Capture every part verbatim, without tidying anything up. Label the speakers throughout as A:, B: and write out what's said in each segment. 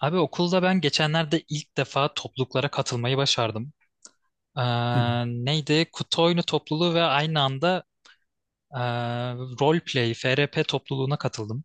A: Abi okulda ben geçenlerde ilk defa topluluklara katılmayı başardım. Ee,
B: Hı.
A: neydi? Kutu oyunu topluluğu ve aynı anda e, Roleplay, F R P topluluğuna katıldım.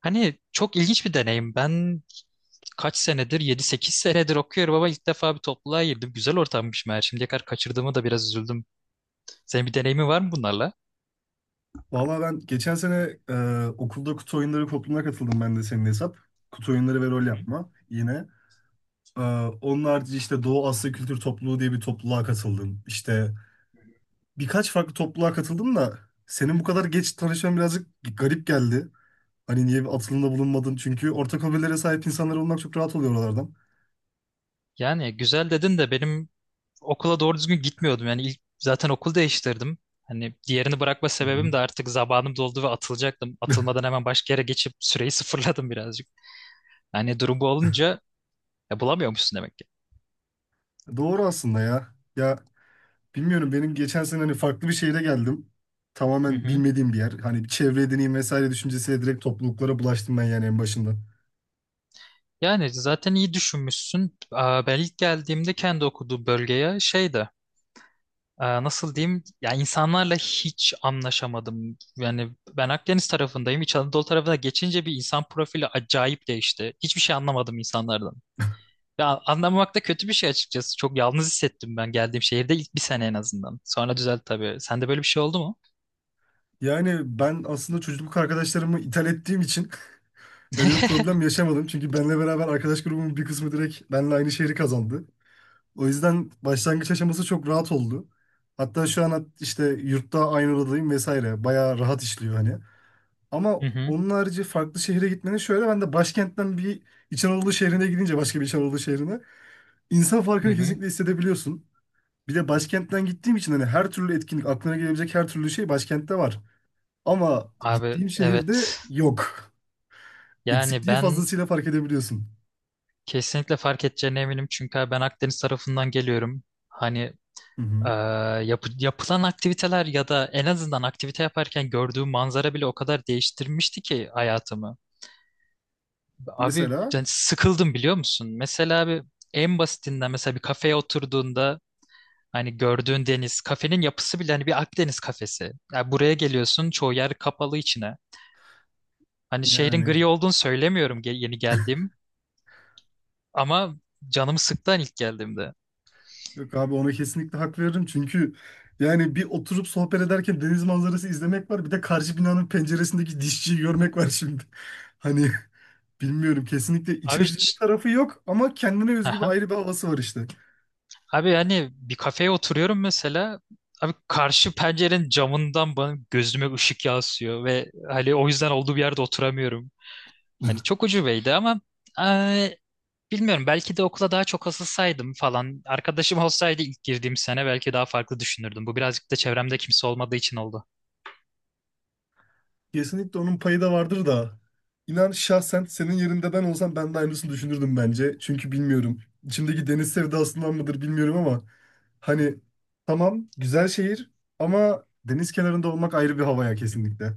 A: Hani çok ilginç bir deneyim. Ben kaç senedir, yedi sekiz senedir okuyorum ama ilk defa bir topluluğa girdim. Güzel ortammış meğer. Şimdiye kadar kaçırdığımı da biraz üzüldüm. Senin bir deneyimin var mı bunlarla?
B: Vallahi ben geçen sene e, okulda kutu oyunları topluluğuna katıldım ben de senin hesap. Kutu oyunları ve
A: Hı
B: rol
A: hı.
B: yapma yine. E, onun harici işte Doğu Asya Kültür Topluluğu diye bir topluluğa katıldım. İşte birkaç farklı topluluğa katıldım da senin bu kadar geç tanışman birazcık garip geldi. Hani niye bir atılımda bulunmadın? Çünkü ortak hobilere sahip insanlar olmak çok rahat oluyor oralardan.
A: Yani güzel dedin de benim okula doğru düzgün gitmiyordum. Yani ilk zaten okul değiştirdim. Hani diğerini bırakma
B: Hı
A: sebebim
B: hı.
A: de artık zamanım doldu ve atılacaktım. Atılmadan hemen başka yere geçip süreyi sıfırladım birazcık. Yani durum bu olunca ya bulamıyormuşsun demek ki.
B: Doğru aslında ya. Ya bilmiyorum, benim geçen sene hani farklı bir şehire geldim.
A: Hı
B: Tamamen
A: hı.
B: bilmediğim bir yer. Hani bir çevre edineyim vesaire düşüncesiyle direkt topluluklara bulaştım ben yani en başından.
A: Yani zaten iyi düşünmüşsün. Aa, Ben ilk geldiğimde kendi okuduğum bölgeye şeydi. Aa, Nasıl diyeyim? Ya insanlarla hiç anlaşamadım. Yani ben Akdeniz tarafındayım. İç Anadolu tarafına geçince bir insan profili acayip değişti. Hiçbir şey anlamadım insanlardan. Ya anlamamak da kötü bir şey açıkçası. Çok yalnız hissettim ben geldiğim şehirde ilk bir sene en azından. Sonra düzeldi tabii. Sende böyle bir şey oldu mu?
B: Yani ben aslında çocukluk arkadaşlarımı ithal ettiğim için böyle bir problem yaşamadım. Çünkü benle beraber arkadaş grubumun bir kısmı direkt benle aynı şehri kazandı. O yüzden başlangıç aşaması çok rahat oldu. Hatta şu an işte yurtta aynı odadayım vesaire. Bayağı rahat işliyor hani. Ama
A: Hı hı,
B: onun harici farklı şehire gitmenin şöyle, ben de başkentten bir İç Anadolu şehrine gidince, başka bir İç Anadolu şehrine, insan
A: hı
B: farkını
A: hı.
B: kesinlikle hissedebiliyorsun. Bir de başkentten gittiğim için hani her türlü etkinlik, aklına gelebilecek her türlü şey başkentte var. Ama
A: Abi
B: gittiğim şehirde
A: evet.
B: yok.
A: Yani
B: Eksikliği
A: ben
B: fazlasıyla fark edebiliyorsun.
A: kesinlikle fark edeceğine eminim. Çünkü abi ben Akdeniz tarafından geliyorum. Hani
B: Hı
A: eee,
B: hı.
A: yapı- yapılan aktiviteler ya da en azından aktivite yaparken gördüğüm manzara bile o kadar değiştirmişti ki hayatımı. Abi
B: Mesela
A: yani sıkıldım biliyor musun? Mesela abi en basitinden mesela bir kafeye oturduğunda hani gördüğün deniz, kafenin yapısı bile hani bir Akdeniz kafesi. Yani buraya geliyorsun, çoğu yer kapalı içine. Hani şehrin
B: yani
A: gri olduğunu söylemiyorum ge- yeni geldiğim ama canımı sıktı hani ilk geldiğimde.
B: yok abi, ona kesinlikle hak veririm çünkü yani bir oturup sohbet ederken deniz manzarası izlemek var. Bir de karşı binanın penceresindeki dişçiyi görmek var şimdi. Hani bilmiyorum, kesinlikle iç
A: Abi
B: açıcı bir
A: ç-
B: tarafı yok ama kendine özgü bir
A: aha.
B: ayrı bir havası var işte.
A: Abi hani bir kafeye oturuyorum mesela. Abi karşı pencerenin camından bana gözüme ışık yansıyor ve hani o yüzden olduğu bir yerde oturamıyorum. Hani çok ucubeydi ama bilmiyorum belki de okula daha çok asılsaydım falan. Arkadaşım olsaydı ilk girdiğim sene belki daha farklı düşünürdüm. Bu birazcık da çevremde kimse olmadığı için oldu.
B: Kesinlikle onun payı da vardır da. İnan şahsen senin yerinde ben olsam ben de aynısını düşünürdüm bence. Çünkü bilmiyorum. İçimdeki deniz sevdasından mıdır bilmiyorum ama hani tamam, güzel şehir ama deniz kenarında olmak ayrı bir havaya kesinlikle.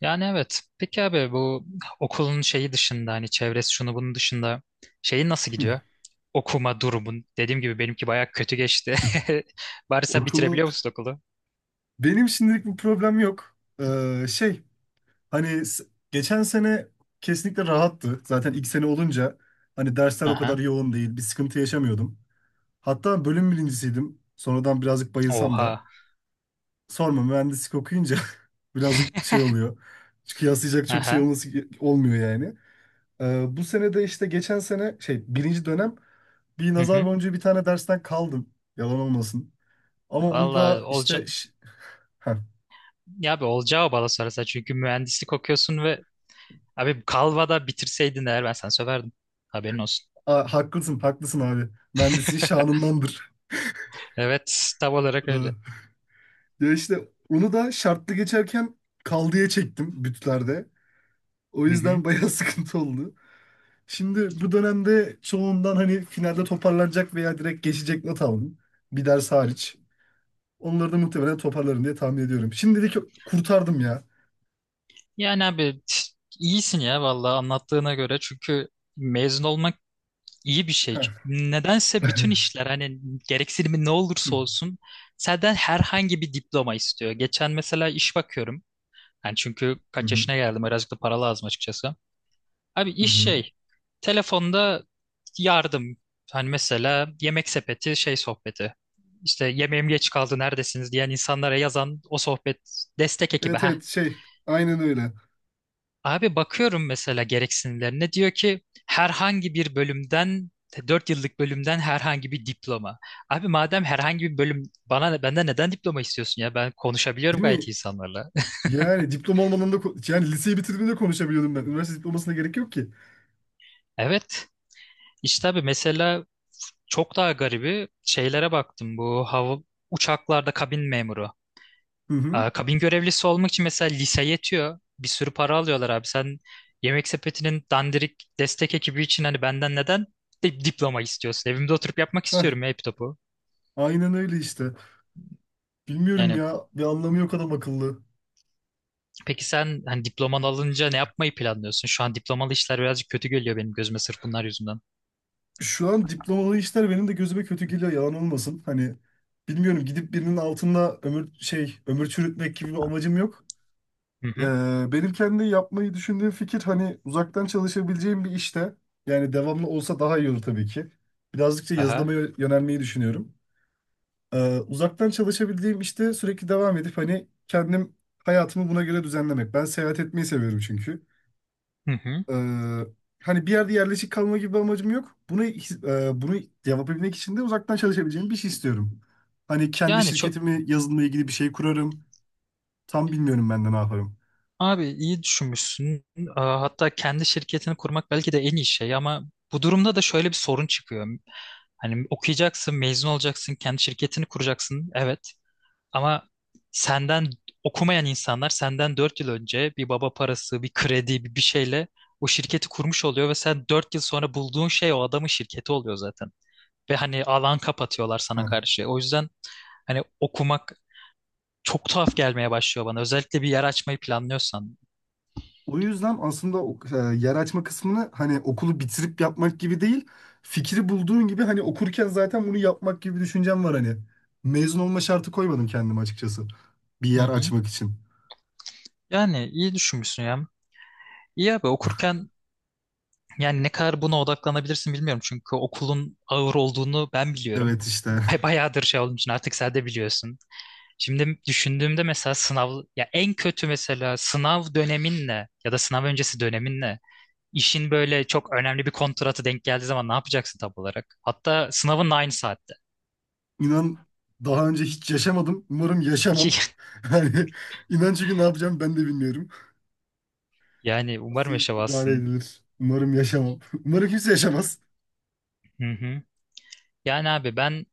A: Yani evet. Peki abi bu okulun şeyi dışında hani çevresi şunu bunun dışında şeyi nasıl gidiyor? Okuma durumun. Dediğim gibi benimki bayağı kötü geçti. Bari sen
B: Okumu
A: bitirebiliyor musun okulu?
B: benim şimdilik bir problem yok. Ee, şey, hani s- geçen sene kesinlikle rahattı. Zaten ilk sene olunca hani dersler o kadar
A: Aha.
B: yoğun değil. Bir sıkıntı yaşamıyordum. Hatta bölüm birincisiydim. Sonradan birazcık bayılsam da
A: Oha.
B: sorma, mühendislik okuyunca birazcık şey oluyor. Çünkü kıyaslayacak çok şey
A: Aha.
B: olması olmuyor yani. Ee, bu sene de işte geçen sene şey, birinci dönem bir
A: Hı
B: nazar
A: hı.
B: boncuğu bir tane dersten kaldım. Yalan olmasın. Ama onu
A: Valla
B: da
A: olaca
B: işte ş- heh.
A: ya abi olacağı bana sorarsa çünkü mühendislik okuyorsun ve abi Kalva'da bitirseydin eğer ben sana söverdim. Haberin olsun.
B: A- haklısın haklısın abi. Mühendisliğin şanındandır.
A: Evet, tam olarak
B: Ee,
A: öyle.
B: ya işte onu da şartlı geçerken kaldıya çektim bütlerde. O
A: Hı hı.
B: yüzden bayağı sıkıntı oldu. Şimdi bu dönemde çoğundan hani finalde toparlanacak veya direkt geçecek not aldım. Bir ders hariç. Onları da muhtemelen toparlarım diye tahmin ediyorum. Şimdilik kurtardım ya.
A: Yani abi iyisin ya vallahi anlattığına göre çünkü mezun olmak iyi bir şey.
B: Heh.
A: Nedense bütün işler hani gereksinimi ne
B: Hı
A: olursa olsun senden herhangi bir diploma istiyor. Geçen mesela iş bakıyorum. Yani çünkü
B: hı
A: kaç
B: hı.
A: yaşına geldim birazcık da para lazım açıkçası. Abi iş
B: Hı.
A: şey. Telefonda yardım. Hani mesela yemek sepeti şey sohbeti. İşte yemeğim geç kaldı neredesiniz diyen insanlara yazan o sohbet destek ekibi.
B: Evet,
A: Ha.
B: evet, şey, aynen öyle.
A: Abi bakıyorum mesela gereksinimlerine diyor ki herhangi bir bölümden e, dört yıllık bölümden herhangi bir diploma. Abi madem herhangi bir bölüm bana benden neden diploma istiyorsun ya ben konuşabiliyorum
B: Değil
A: gayet
B: mi?
A: insanlarla.
B: Yani diploma olmadan da ko- yani liseyi bitirdiğimde konuşabiliyordum ben. Üniversite diplomasına gerek yok ki.
A: Evet. İşte abi mesela çok daha garibi şeylere baktım. Bu hava uçaklarda kabin memuru.
B: Hı hı.
A: Aa, kabin görevlisi olmak için mesela lise yetiyor. Bir sürü para alıyorlar abi. Sen Yemek Sepeti'nin dandirik destek ekibi için hani benden neden di- diploma istiyorsun? Evimde oturup yapmak
B: Heh.
A: istiyorum ya hep topu.
B: Aynen öyle işte. Bilmiyorum
A: Yani
B: ya. Bir anlamı yok adam akıllı.
A: peki sen hani diploman alınca ne yapmayı planlıyorsun? Şu an diplomalı işler birazcık kötü geliyor benim gözüme sırf bunlar yüzünden.
B: Şu an diplomalı işler benim de gözüme kötü geliyor, yalan olmasın. Hani bilmiyorum, gidip birinin altında ömür şey, ömür çürütmek gibi bir amacım yok.
A: Hı
B: Ee,
A: hı.
B: benim kendi yapmayı düşündüğüm fikir hani uzaktan çalışabileceğim bir işte. Yani devamlı olsa daha iyi olur tabii ki. Birazcık da yazılıma
A: Aha.
B: yö- yönelmeyi düşünüyorum. Ee, uzaktan çalışabildiğim işte sürekli devam edip hani kendim hayatımı buna göre düzenlemek. Ben seyahat etmeyi seviyorum çünkü.
A: Hı hı.
B: Ee, hani bir yerde yerleşik kalma gibi bir amacım yok. Bunu his- e, bunu yapabilmek için de uzaktan çalışabileceğim bir şey istiyorum. Hani kendi
A: Yani çok
B: şirketimi yazılımla ilgili bir şey kurarım. Tam bilmiyorum ben de ne yaparım.
A: Abi iyi düşünmüşsün. Aa, Hatta kendi şirketini kurmak belki de en iyi şey ama bu durumda da şöyle bir sorun çıkıyor. Hani okuyacaksın, mezun olacaksın, kendi şirketini kuracaksın. Evet. Ama senden okumayan insanlar senden dört yıl önce bir baba parası, bir kredi, bir bir şeyle o şirketi kurmuş oluyor ve sen dört yıl sonra bulduğun şey o adamın şirketi oluyor zaten. Ve hani alan kapatıyorlar sana
B: Ha.
A: karşı. O yüzden hani okumak çok tuhaf gelmeye başlıyor bana. Özellikle bir yer açmayı planlıyorsan.
B: O yüzden aslında o- e, yer açma kısmını hani okulu bitirip yapmak gibi değil, fikri bulduğun gibi hani okurken zaten bunu yapmak gibi bir düşüncem var hani. Mezun olma şartı koymadım kendime açıkçası. Bir
A: Hı
B: yer
A: hı.
B: açmak için.
A: Yani iyi düşünmüşsün ya. İyi abi okurken yani ne kadar buna odaklanabilirsin bilmiyorum. Çünkü okulun ağır olduğunu ben biliyorum.
B: Evet işte.
A: Bay- Bayağıdır şey olduğum için artık sen de biliyorsun. Şimdi düşündüğümde mesela sınav ya en kötü mesela sınav döneminle ya da sınav öncesi döneminle İşin böyle çok önemli bir kontratı denk geldiği zaman ne yapacaksın tam olarak? Hatta sınavın da aynı saatte.
B: İnan daha önce hiç yaşamadım. Umarım yaşamam. Yani inan, çünkü ne yapacağım ben de bilmiyorum.
A: Yani
B: Nasıl
A: umarım
B: idare
A: yaşamazsın.
B: edilir? Umarım yaşamam. Umarım kimse yaşamaz.
A: Hı hı. Yani abi ben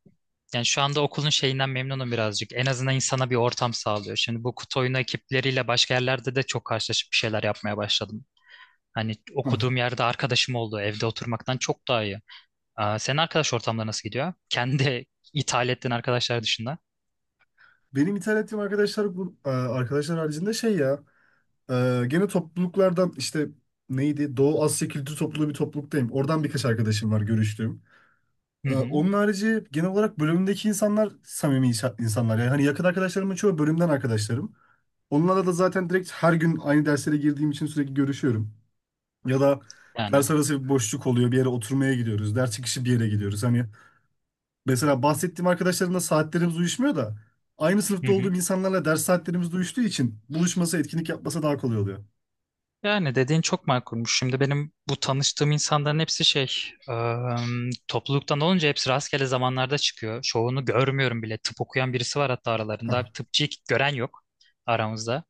A: yani şu anda okulun şeyinden memnunum birazcık. En azından insana bir ortam sağlıyor. Şimdi bu kutu oyunu ekipleriyle başka yerlerde de çok karşılaşıp bir şeyler yapmaya başladım. Hani
B: Hah.
A: okuduğum yerde arkadaşım oldu. Evde oturmaktan çok daha iyi. Aa, senin arkadaş ortamları nasıl gidiyor? Kendi ithal ettiğin arkadaşlar dışında.
B: Benim ithal ettiğim arkadaşlar bu e, arkadaşlar haricinde şey ya, e, gene topluluklardan işte, neydi, Doğu Asya Kültür Topluluğu, bir topluluktayım. Oradan birkaç arkadaşım var görüştüğüm.
A: Hı
B: E,
A: hı.
B: onun harici genel olarak bölümümdeki insanlar samimi insa- insanlar. Yani hani yakın arkadaşlarımın çoğu bölümden arkadaşlarım. Onlarla da zaten direkt her gün aynı derslere girdiğim için sürekli görüşüyorum. Ya da
A: Yani.
B: ders arası bir boşluk oluyor. Bir yere oturmaya gidiyoruz. Ders çıkışı bir yere gidiyoruz. Hani mesela bahsettiğim arkadaşlarımla saatlerimiz uyuşmuyor da aynı
A: Hı
B: sınıfta
A: hı.
B: olduğum insanlarla ders saatlerimiz de uyuştuğu için buluşması, etkinlik yapması daha kolay oluyor.
A: Yani dediğin çok makulmuş. Şimdi benim bu tanıştığım insanların hepsi şey, ıı, topluluktan olunca hepsi rastgele zamanlarda çıkıyor. Çoğunu görmüyorum bile. Tıp okuyan birisi var hatta
B: Hah,
A: aralarında. Bir tıpçıyı gören yok aramızda.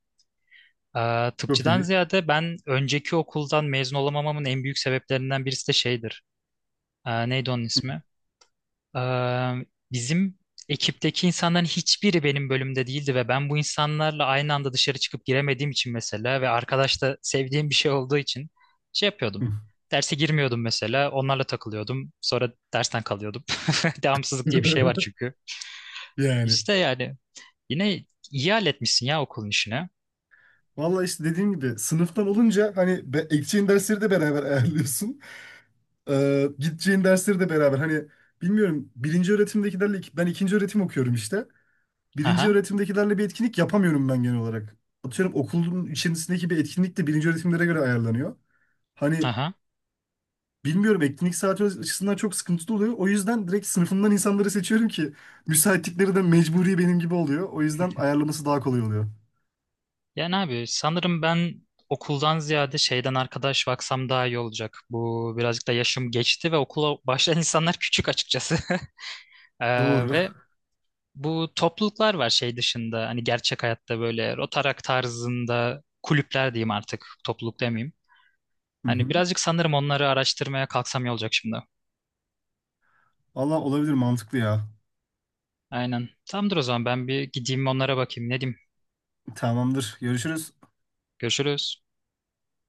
A: Ee,
B: çok
A: tıpçıdan
B: iyi.
A: ziyade ben önceki okuldan mezun olamamamın en büyük sebeplerinden birisi de şeydir. Ee, neydi onun ismi? Eee, bizim ekipteki insanların hiçbiri benim bölümde değildi ve ben bu insanlarla aynı anda dışarı çıkıp giremediğim için mesela ve arkadaş da sevdiğim bir şey olduğu için şey yapıyordum. Derse girmiyordum mesela. Onlarla takılıyordum. Sonra dersten kalıyordum. Devamsızlık diye bir şey var çünkü.
B: Yani.
A: İşte yani yine iyi halletmişsin ya okulun işini.
B: Valla işte dediğim gibi sınıftan olunca hani be, ekeceğin dersleri de beraber ayarlıyorsun. Ee, gideceğin dersleri de beraber. Hani bilmiyorum, birinci öğretimdekilerle ik- ben ikinci öğretim okuyorum işte. Birinci
A: Aha,
B: öğretimdekilerle bir etkinlik yapamıyorum ben genel olarak. Atıyorum okulun içerisindeki bir etkinlik de birinci öğretimlere göre ayarlanıyor. Hani
A: aha.
B: bilmiyorum, etkinlik saati açısından çok sıkıntılı oluyor. O yüzden direkt sınıfımdan insanları seçiyorum ki müsaitlikleri de mecburi benim gibi oluyor. O yüzden ayarlaması daha kolay oluyor.
A: Yani abi sanırım ben okuldan ziyade şeyden arkadaş baksam daha iyi olacak. Bu birazcık da yaşım geçti ve okula başlayan insanlar küçük açıkçası. Ee,
B: Doğru.
A: ve bu topluluklar var şey dışında hani gerçek hayatta böyle Rotaract tarzında kulüpler diyeyim artık topluluk demeyeyim.
B: Hı
A: Hani
B: hı.
A: birazcık sanırım onları araştırmaya kalksam iyi olacak şimdi.
B: Allah olabilir, mantıklı ya.
A: Aynen. Tamamdır o zaman ben bir gideyim onlara bakayım ne diyeyim.
B: Tamamdır. Görüşürüz.
A: Görüşürüz.